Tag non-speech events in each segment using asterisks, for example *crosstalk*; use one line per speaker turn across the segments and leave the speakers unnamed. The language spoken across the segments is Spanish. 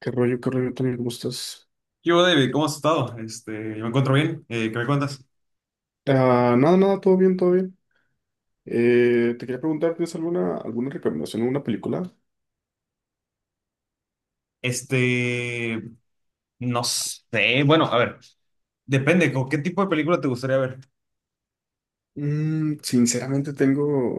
Qué rollo, Tony? ¿Cómo estás?
¿Qué hubo, David? ¿Cómo has estado? Yo me encuentro bien. ¿Qué me cuentas?
Ah, nada, nada, todo bien, todo bien. Te quería preguntar, ¿tienes alguna recomendación, alguna película?
Este, no sé. Bueno, a ver, depende. ¿Con qué tipo de película te gustaría ver?
Mm, sinceramente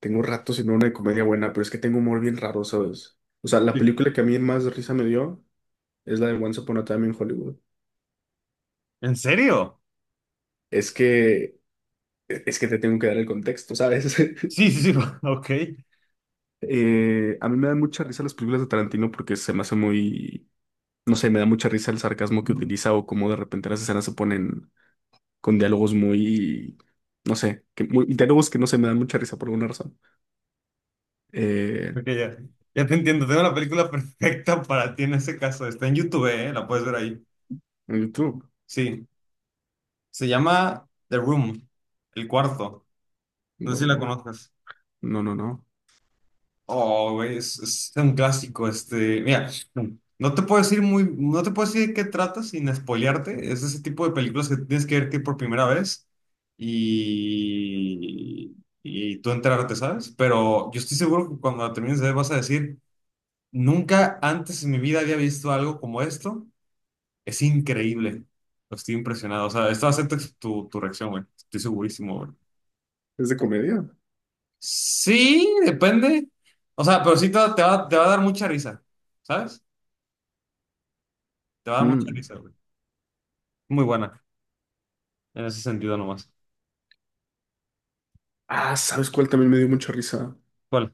tengo rato sin ver una de comedia buena, pero es que tengo humor bien raro, ¿sabes? O sea, la
Sí.
película que a mí más risa me dio es la de Once Upon a Time in Hollywood.
¿En serio?
Es que, es que te tengo que dar el contexto, ¿sabes?
Sí,
*laughs*
sí, sí. *laughs* Ok,
A mí me dan mucha risa las películas de Tarantino porque se me hace no sé, me da mucha risa el sarcasmo que utiliza o cómo de repente las escenas se ponen con no sé, que diálogos que no se me dan mucha risa por alguna razón. Eh,
ok, ya. Ya te entiendo. Tengo la película *laughs* perfecta para ti en ese caso. Está en YouTube, ¿eh? La puedes ver ahí.
en YouTube.
Sí. Se llama The Room, El Cuarto. No sé si la
No,
conozcas.
no, no.
Oh, güey, es un clásico, mira, no te puedo decir muy, no te puedo decir de qué trata sin spoilearte, es ese tipo de películas que tienes que ver que por primera vez y, y tú enterarte, ¿sabes? Pero yo estoy seguro que cuando la termines de ver vas a decir, nunca antes en mi vida había visto algo como esto, es increíble, estoy impresionado, o sea, esto va a ser tu, tu reacción, güey, estoy segurísimo, güey.
¿Es de comedia?
Sí, depende. O sea, pero sí te va a dar mucha risa, ¿sabes? Te va a dar mucha
Mm.
risa, güey. Muy buena, en ese sentido nomás.
Ah, ¿sabes cuál también me dio mucha risa?
¿Cuál?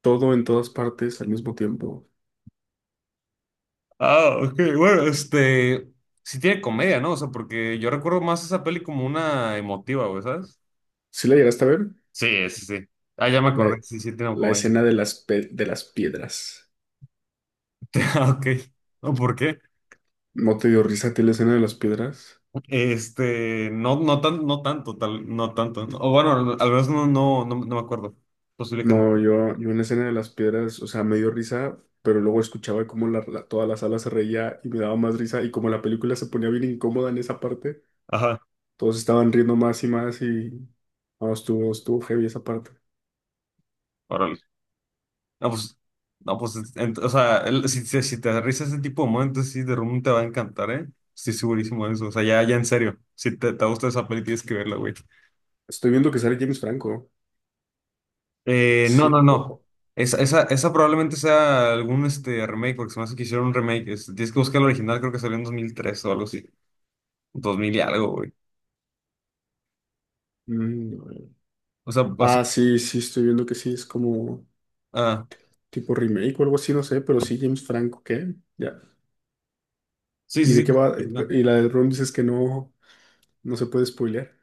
Todo en todas partes al mismo tiempo.
Ah, ok, bueno, Sí tiene comedia, ¿no? O sea, porque yo recuerdo más esa peli como una emotiva, güey, ¿sabes?
¿Sí la llegaste a ver?
Sí, sí, sí. Ah, ya me
La,
acordé, sí, sí tiene
la
comedia.
escena de de las piedras.
*laughs* Ah, Ok. ¿No? ¿Por qué?
¿No te dio risa a ti la escena de las piedras?
No, no tan, no tanto, tal, no tanto. ¿No? O bueno, al menos no, no, no, no me acuerdo. Posible que no.
No, yo en la escena de las piedras, o sea, me dio risa, pero luego escuchaba cómo toda la sala se reía y me daba más risa y como la película se ponía bien incómoda en esa parte,
Ajá.
todos estaban riendo más y más y no, estuvo heavy esa parte.
Órale. No, pues, no, pues, o sea, si te aterrizas ese tipo de momentos, sí, The Room te va a encantar, ¿eh? Estoy segurísimo de eso. O sea, ya, ya en serio, si te gusta esa peli, tienes que verla, güey.
Estoy viendo que sale James Franco.
No,
Sí.
no, no. Esa probablemente sea algún remake, porque se me hace que hicieron un remake. Tienes que buscar el original, creo que salió en 2003 o algo así, dos mil y algo, güey.
Mm,
O sea, así.
ah, sí, estoy viendo que sí, es como
Ah,
tipo remake o algo así, no sé, pero sí, James Franco, ¿qué? Ya.
sí,
¿Y
sí,
de qué
sí.
va? Y la de Ron dices que no se puede spoilear.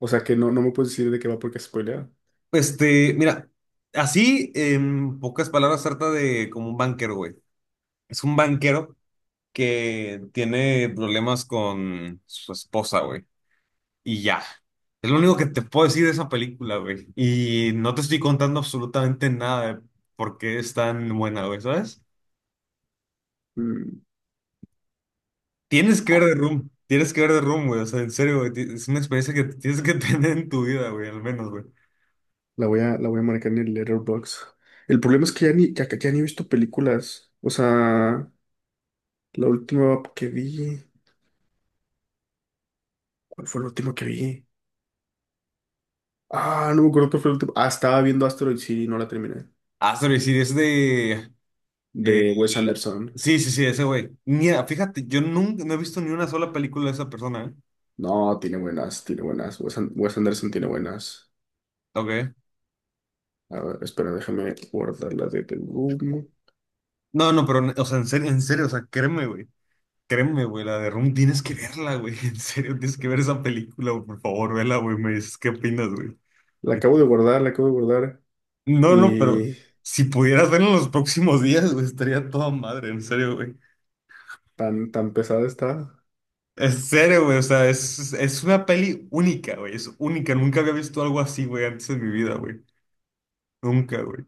O sea, que no, no me puedes decir de qué va porque es spoileada.
Mira, así, en pocas palabras, trata de como un banquero, güey. Es un banquero que tiene problemas con su esposa, güey. Y ya. Es lo único que te puedo decir de esa película, güey. Y no te estoy contando absolutamente nada de por qué es tan buena, güey, ¿sabes? Tienes que ver
Ah,
The Room. Tienes que ver The Room, güey. O sea, en serio, güey. Es una experiencia que tienes que *laughs* tener en tu vida, güey, al menos, güey.
la voy a, la voy a marcar en el Letterboxd. El problema es que ya ya ni he visto películas. O sea, la última que vi. ¿Cuál fue la última que vi? Ah, no me acuerdo cuál fue la última. Ah, estaba viendo Asteroid City y no la terminé.
Ah, sorry, sí, es de... eh,
De Wes
la-
Anderson.
Sí, sí, sí, ese güey. Mira, fíjate, yo nunca, no he visto ni una sola película de esa persona, ¿eh?
No, tiene buenas, tiene buenas. Wes Anderson tiene buenas.
Ok.
A ver, espera, déjame guardar la de The Room.
No, no, pero, o sea, en serio, o sea, créeme, güey. Créeme, güey, la de Room tienes que verla, güey. *laughs* En serio, tienes que ver esa película, güey, por favor, vela, güey. Me dices qué opinas, güey.
La acabo de guardar, la acabo de guardar.
No, no, pero
Y
si pudieras verlo en los próximos días, güey, estaría toda madre, en serio, güey.
tan pesada está.
En serio, güey, o sea, es una peli única, güey, es única. Nunca había visto algo así, güey, antes de mi vida, güey. Nunca, güey.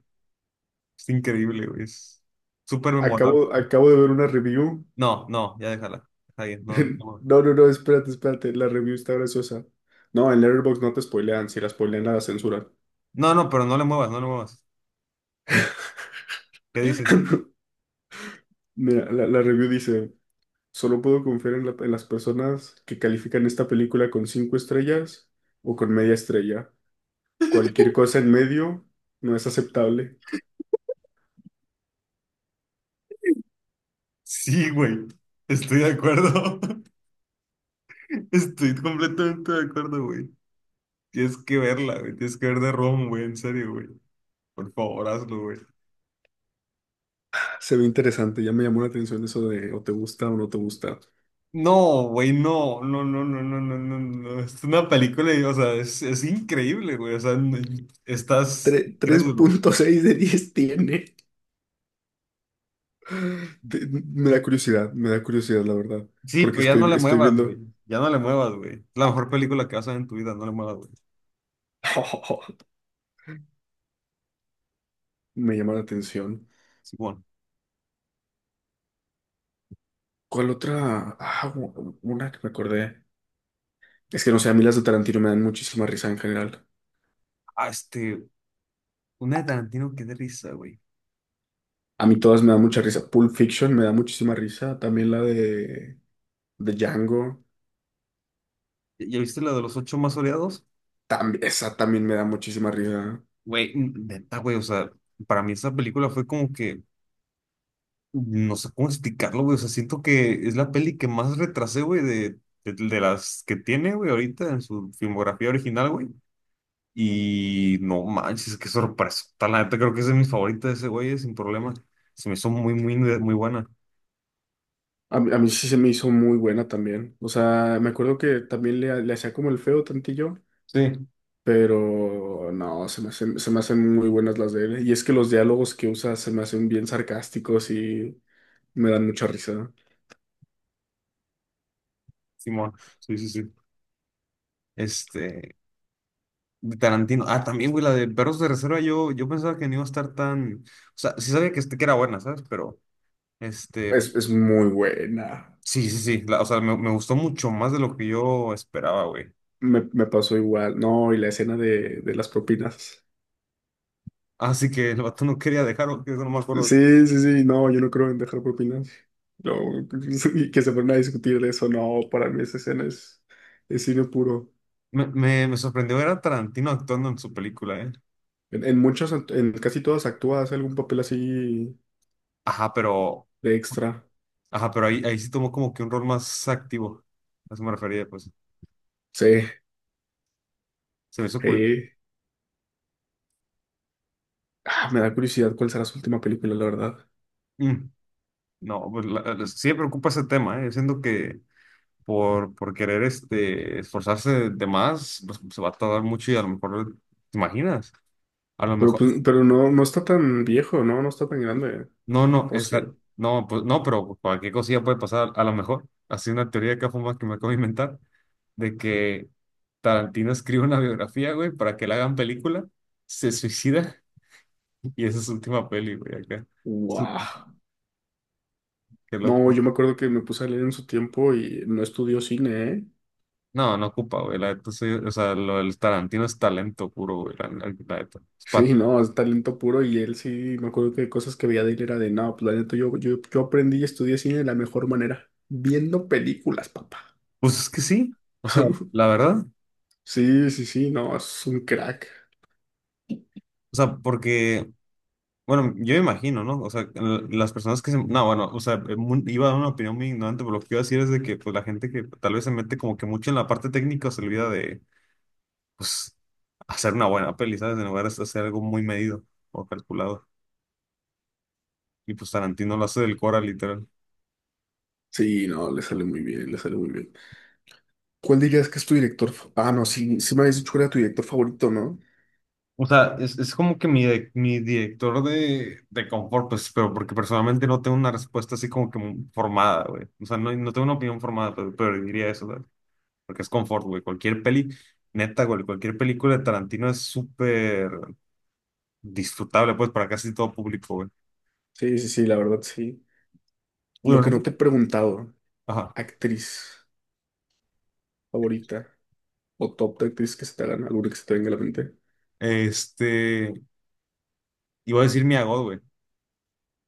Es increíble, güey, es súper memorable.
Acabo de ver una review.
No, no, ya déjala. Está bien, no,
*laughs*
no, le
No, no, no, espérate, espérate. La review está graciosa. No, en Letterboxd no te spoilean. Si la spoilean, la censuran.
no, no, pero no le muevas, no le muevas. ¿Qué dices?
*laughs* Mira, la review dice: Solo puedo confiar en, en las personas que califican esta película con 5 estrellas o con media estrella. Cualquier cosa en medio no es aceptable.
Sí, güey, estoy de acuerdo. *laughs* Estoy completamente de acuerdo, güey. Tienes que verla, güey. Tienes que ver de Rom, güey. En serio, güey. Por favor, hazlo, güey.
*laughs* Se ve interesante. Ya me llamó la atención eso de o te gusta o no te gusta.
No, güey, no, no, no, no, no, no, no, no. Es una película, y, o sea, es increíble, güey. O sea, estás
Tres
crédulo, güey.
punto seis de 10 tiene. *laughs* Me da curiosidad, la verdad.
Sí,
Porque
pero ya no
estoy,
le
estoy
muevas, güey.
viendo.
Ya no le muevas, güey. Es la mejor película que vas a ver en tu vida, no le muevas, güey.
*laughs* Me llama la atención.
Sí, bueno.
¿Cuál otra? Ah, una que me acordé. Es que no sé, a mí las de Tarantino me dan muchísima risa en general.
Ah, una de Tarantino, qué de risa, güey.
A mí todas me dan mucha risa. Pulp Fiction me da muchísima risa. También la de Django.
¿Ya viste la de los ocho más odiados?
También, esa también me da muchísima risa.
Güey, neta, güey, o sea, para mí esa película fue como que no sé cómo explicarlo, güey. O sea, siento que es la peli que más retrasé, güey, de las que tiene, güey, ahorita en su filmografía original, güey. Y no manches, qué sorpresa. La neta, creo que es de mis favoritas de ese güey, sin problema. Se me hizo muy, muy, muy buena.
A mí sí se me hizo muy buena también. O sea, me acuerdo que también le hacía como el feo tantillo,
Sí.
pero no, se me hacen muy buenas las de él. Y es que los diálogos que usa se me hacen bien sarcásticos y me dan mucha risa.
Simón, sí, sí, sí. Este, de Tarantino. Ah, también, güey, la de Perros de Reserva, yo pensaba que no iba a estar tan. O sea, sí sabía que era buena, ¿sabes? Pero, este,
Es muy buena.
sí, sí, sí. O sea, me gustó mucho más de lo que yo esperaba, güey.
Me pasó igual. No, y la escena de las propinas.
Así que el vato no quería dejarlo, que eso no me acuerdo.
Sí, sí, sí. No, yo no creo en dejar propinas. No, *laughs* y que se ponen a discutir de eso. No, para mí esa escena es cine puro.
Me sorprendió ver a Tarantino actuando en su película, ¿eh?
En muchos, en casi todas actúa, hace algún papel así
Ajá, pero,
de extra.
ajá, pero ahí sí tomó como que un rol más activo. A eso me refería, pues.
Sí,
Se me hizo curioso.
sí. Ah, me da curiosidad cuál será su última película, la verdad.
Mm, no, pues sí me preocupa ese tema, ¿eh? Siento que por querer esforzarse de más, pues, se va a tardar mucho y a lo mejor, ¿te imaginas? A lo
Pero,
mejor,
pues, pero no, no está tan viejo, ¿no? No está tan grande.
no, no,
O sí.
no, pues, no, pero cualquier cosilla puede pasar, a lo mejor. Así una teoría que fuma que me acabo de inventar, de que Tarantino escribe una biografía, güey, para que la hagan película, se suicida *laughs* y esa es su última peli, güey, acá. Su-
Wow.
Qué loco.
No, yo me acuerdo que me puse a leer en su tiempo y no estudió cine, ¿eh? *laughs*
No, no ocupa, güey, la neta, o sea, lo del Tarantino es talento puro, güey, la neta.
Sí, no, es talento puro y él sí, me acuerdo que cosas que veía de él era de, no, pues la neta, yo aprendí y estudié cine de la mejor manera, viendo películas, papá.
Pues es que sí, o sea, la
*laughs*
verdad,
Sí, sí, sí, no, es un crack.
o sea, porque, bueno, yo me imagino, ¿no? O sea, las personas que se, no, bueno, o sea, iba a dar una opinión muy ignorante, pero lo que iba a decir es de que, pues, la gente que tal vez se mete como que mucho en la parte técnica se olvida de pues, hacer una buena peli, ¿sabes? En lugar de hacer algo muy medido o calculado. Y pues Tarantino lo hace del Cora, literal.
Sí, no, le sale muy bien, le sale muy bien. ¿Cuál dirías que es tu director? Ah, no, sí, sí me habías dicho que era tu director favorito, ¿no?
O sea, es como que mi director de confort, pues, pero porque personalmente no tengo una respuesta así como que muy formada, güey. O sea, no tengo una opinión formada, pero, diría eso, ¿sabes? Porque es confort, güey. Cualquier peli, neta, güey, cualquier película de Tarantino es súper disfrutable, pues, para casi todo público, güey.
Sí, sí, sí, la verdad, sí. Lo
Bueno,
que
¿no?
no te he preguntado,
Ajá.
actriz favorita o top de actriz que se te hagan, alguna que se te venga a la mente.
Este, iba a decir mi God, güey.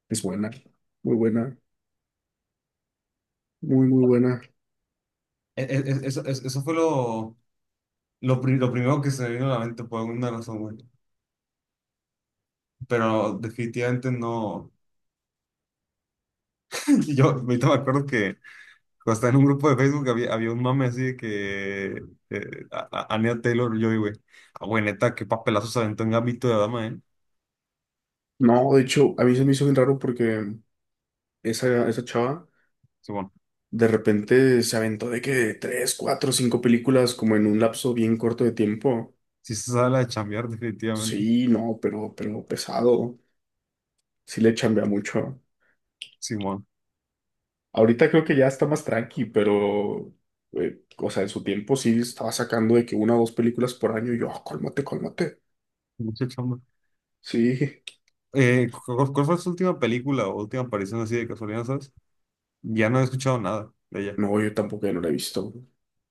Es buena, muy, muy buena.
E- e- eso fue lo primero que se me vino a la mente por alguna razón, güey. Pero definitivamente no. *laughs* Yo ahorita me acuerdo que cuando estaba en un grupo de Facebook había un mame así de que Anya Taylor-Joy, güey. Ah, güey, neta, qué papelazo se aventó en Gambito de Dama, ¿eh?
No, de hecho, a mí se me hizo bien raro porque esa chava
Simón.
de repente se aventó de que 3, 4, 5 películas como en un lapso bien corto de tiempo.
Sí se sabe la de chambear, definitivamente.
Sí, no, pero pesado. Sí le chambea mucho.
Simón.
Ahorita creo que ya está más tranqui, pero, o sea, en su tiempo sí estaba sacando de que una o dos películas por año. Y yo, "Ah, cálmate, cálmate.
Mucha chamba.
Sí,
¿Cuál fue su última película o última aparición así de casualidad, sabes? Ya no he escuchado nada de ella.
no, yo tampoco ya no la he visto.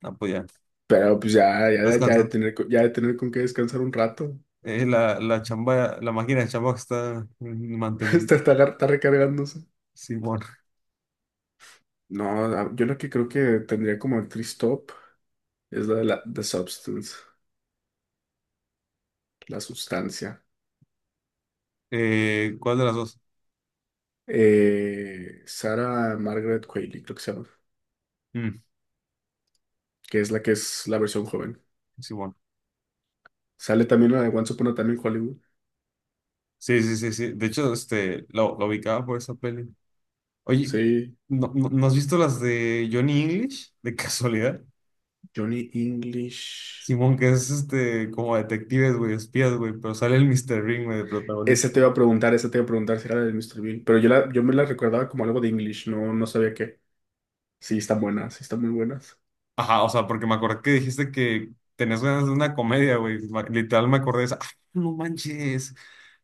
Ah, pues ya.
Pero pues ya, ya, ya de
Descansando.
ya de tener con qué descansar un rato.
La chamba, la máquina de chamba que está
*laughs*
manteniendo
Está, está recargándose.
Simón.
No, yo lo que creo que tendría como actriz top es la de la The Substance, la sustancia.
¿Cuál de las dos?
Sarah Margaret Qualley, creo que se llama,
Mm,
que es la versión joven.
Simón.
Sale también la de Once Upon a Time en Hollywood.
Sí, sí, sí, sí. De hecho, lo ubicaba por esa peli. Oye,
Sí,
¿no has visto las de Johnny English? De casualidad.
Johnny English.
Simón, que es como detectives, güey, espías, güey, pero sale el Mr. Ring, güey, de
Esa
protagonista,
te iba a
güey.
preguntar, esa te iba a preguntar si era la de Mr. Bean, pero yo, la, yo me la recordaba como algo de English, no, no sabía qué. Sí, están buenas, sí, están muy buenas.
Ajá, o sea, porque me acordé que dijiste que tenés ganas de una comedia, güey. Literal me acordé de esa. ¡Ah, no manches!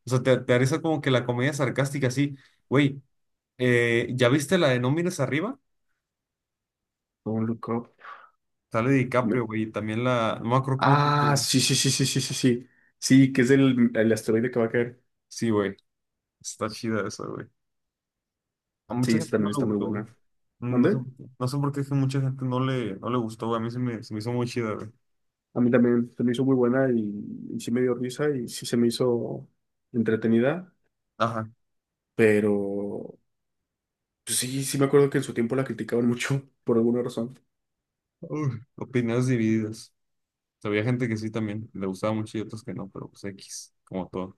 O sea, te haré esa como que la comedia sarcástica, así. Güey, ¿ya viste la de No mires arriba?
Don't Look Up.
Sale
Me-
DiCaprio, güey, y también la. No me acuerdo cómo se
Ah,
llama.
sí, sí, sí, sí, sí, sí, sí. Sí, que es el asteroide que va a caer.
Sí, güey. Está chida esa, güey. A
Sí,
mucha gente
esta
no
también
le
está muy
gustó, güey.
buena.
No sé,
¿Mande?
por qué- no sé por qué es que mucha gente no le gustó, güey. A mí se me hizo muy chida, güey.
A mí también se me hizo muy buena y sí me dio risa y sí se me hizo entretenida,
Ajá.
pero pues sí, sí me acuerdo que en su tiempo la criticaban mucho *laughs* por alguna razón.
Uf, opiniones divididas. O sea, había gente que sí también le gustaba mucho y otros que no, pero pues X, como todo.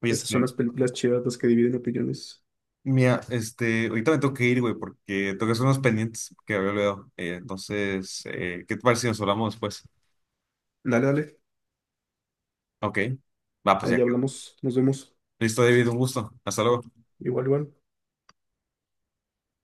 Oye,
Esas son las películas chidas las que dividen opiniones.
mira, ahorita me tengo que ir, güey, porque tengo que hacer unos pendientes que había olvidado. Entonces, ¿qué te parece si nos hablamos después?
Dale, dale.
Ok. Va, pues ya
Allá
quedó.
hablamos, nos vemos.
Listo, David, un gusto. Hasta luego.
Igual, igual.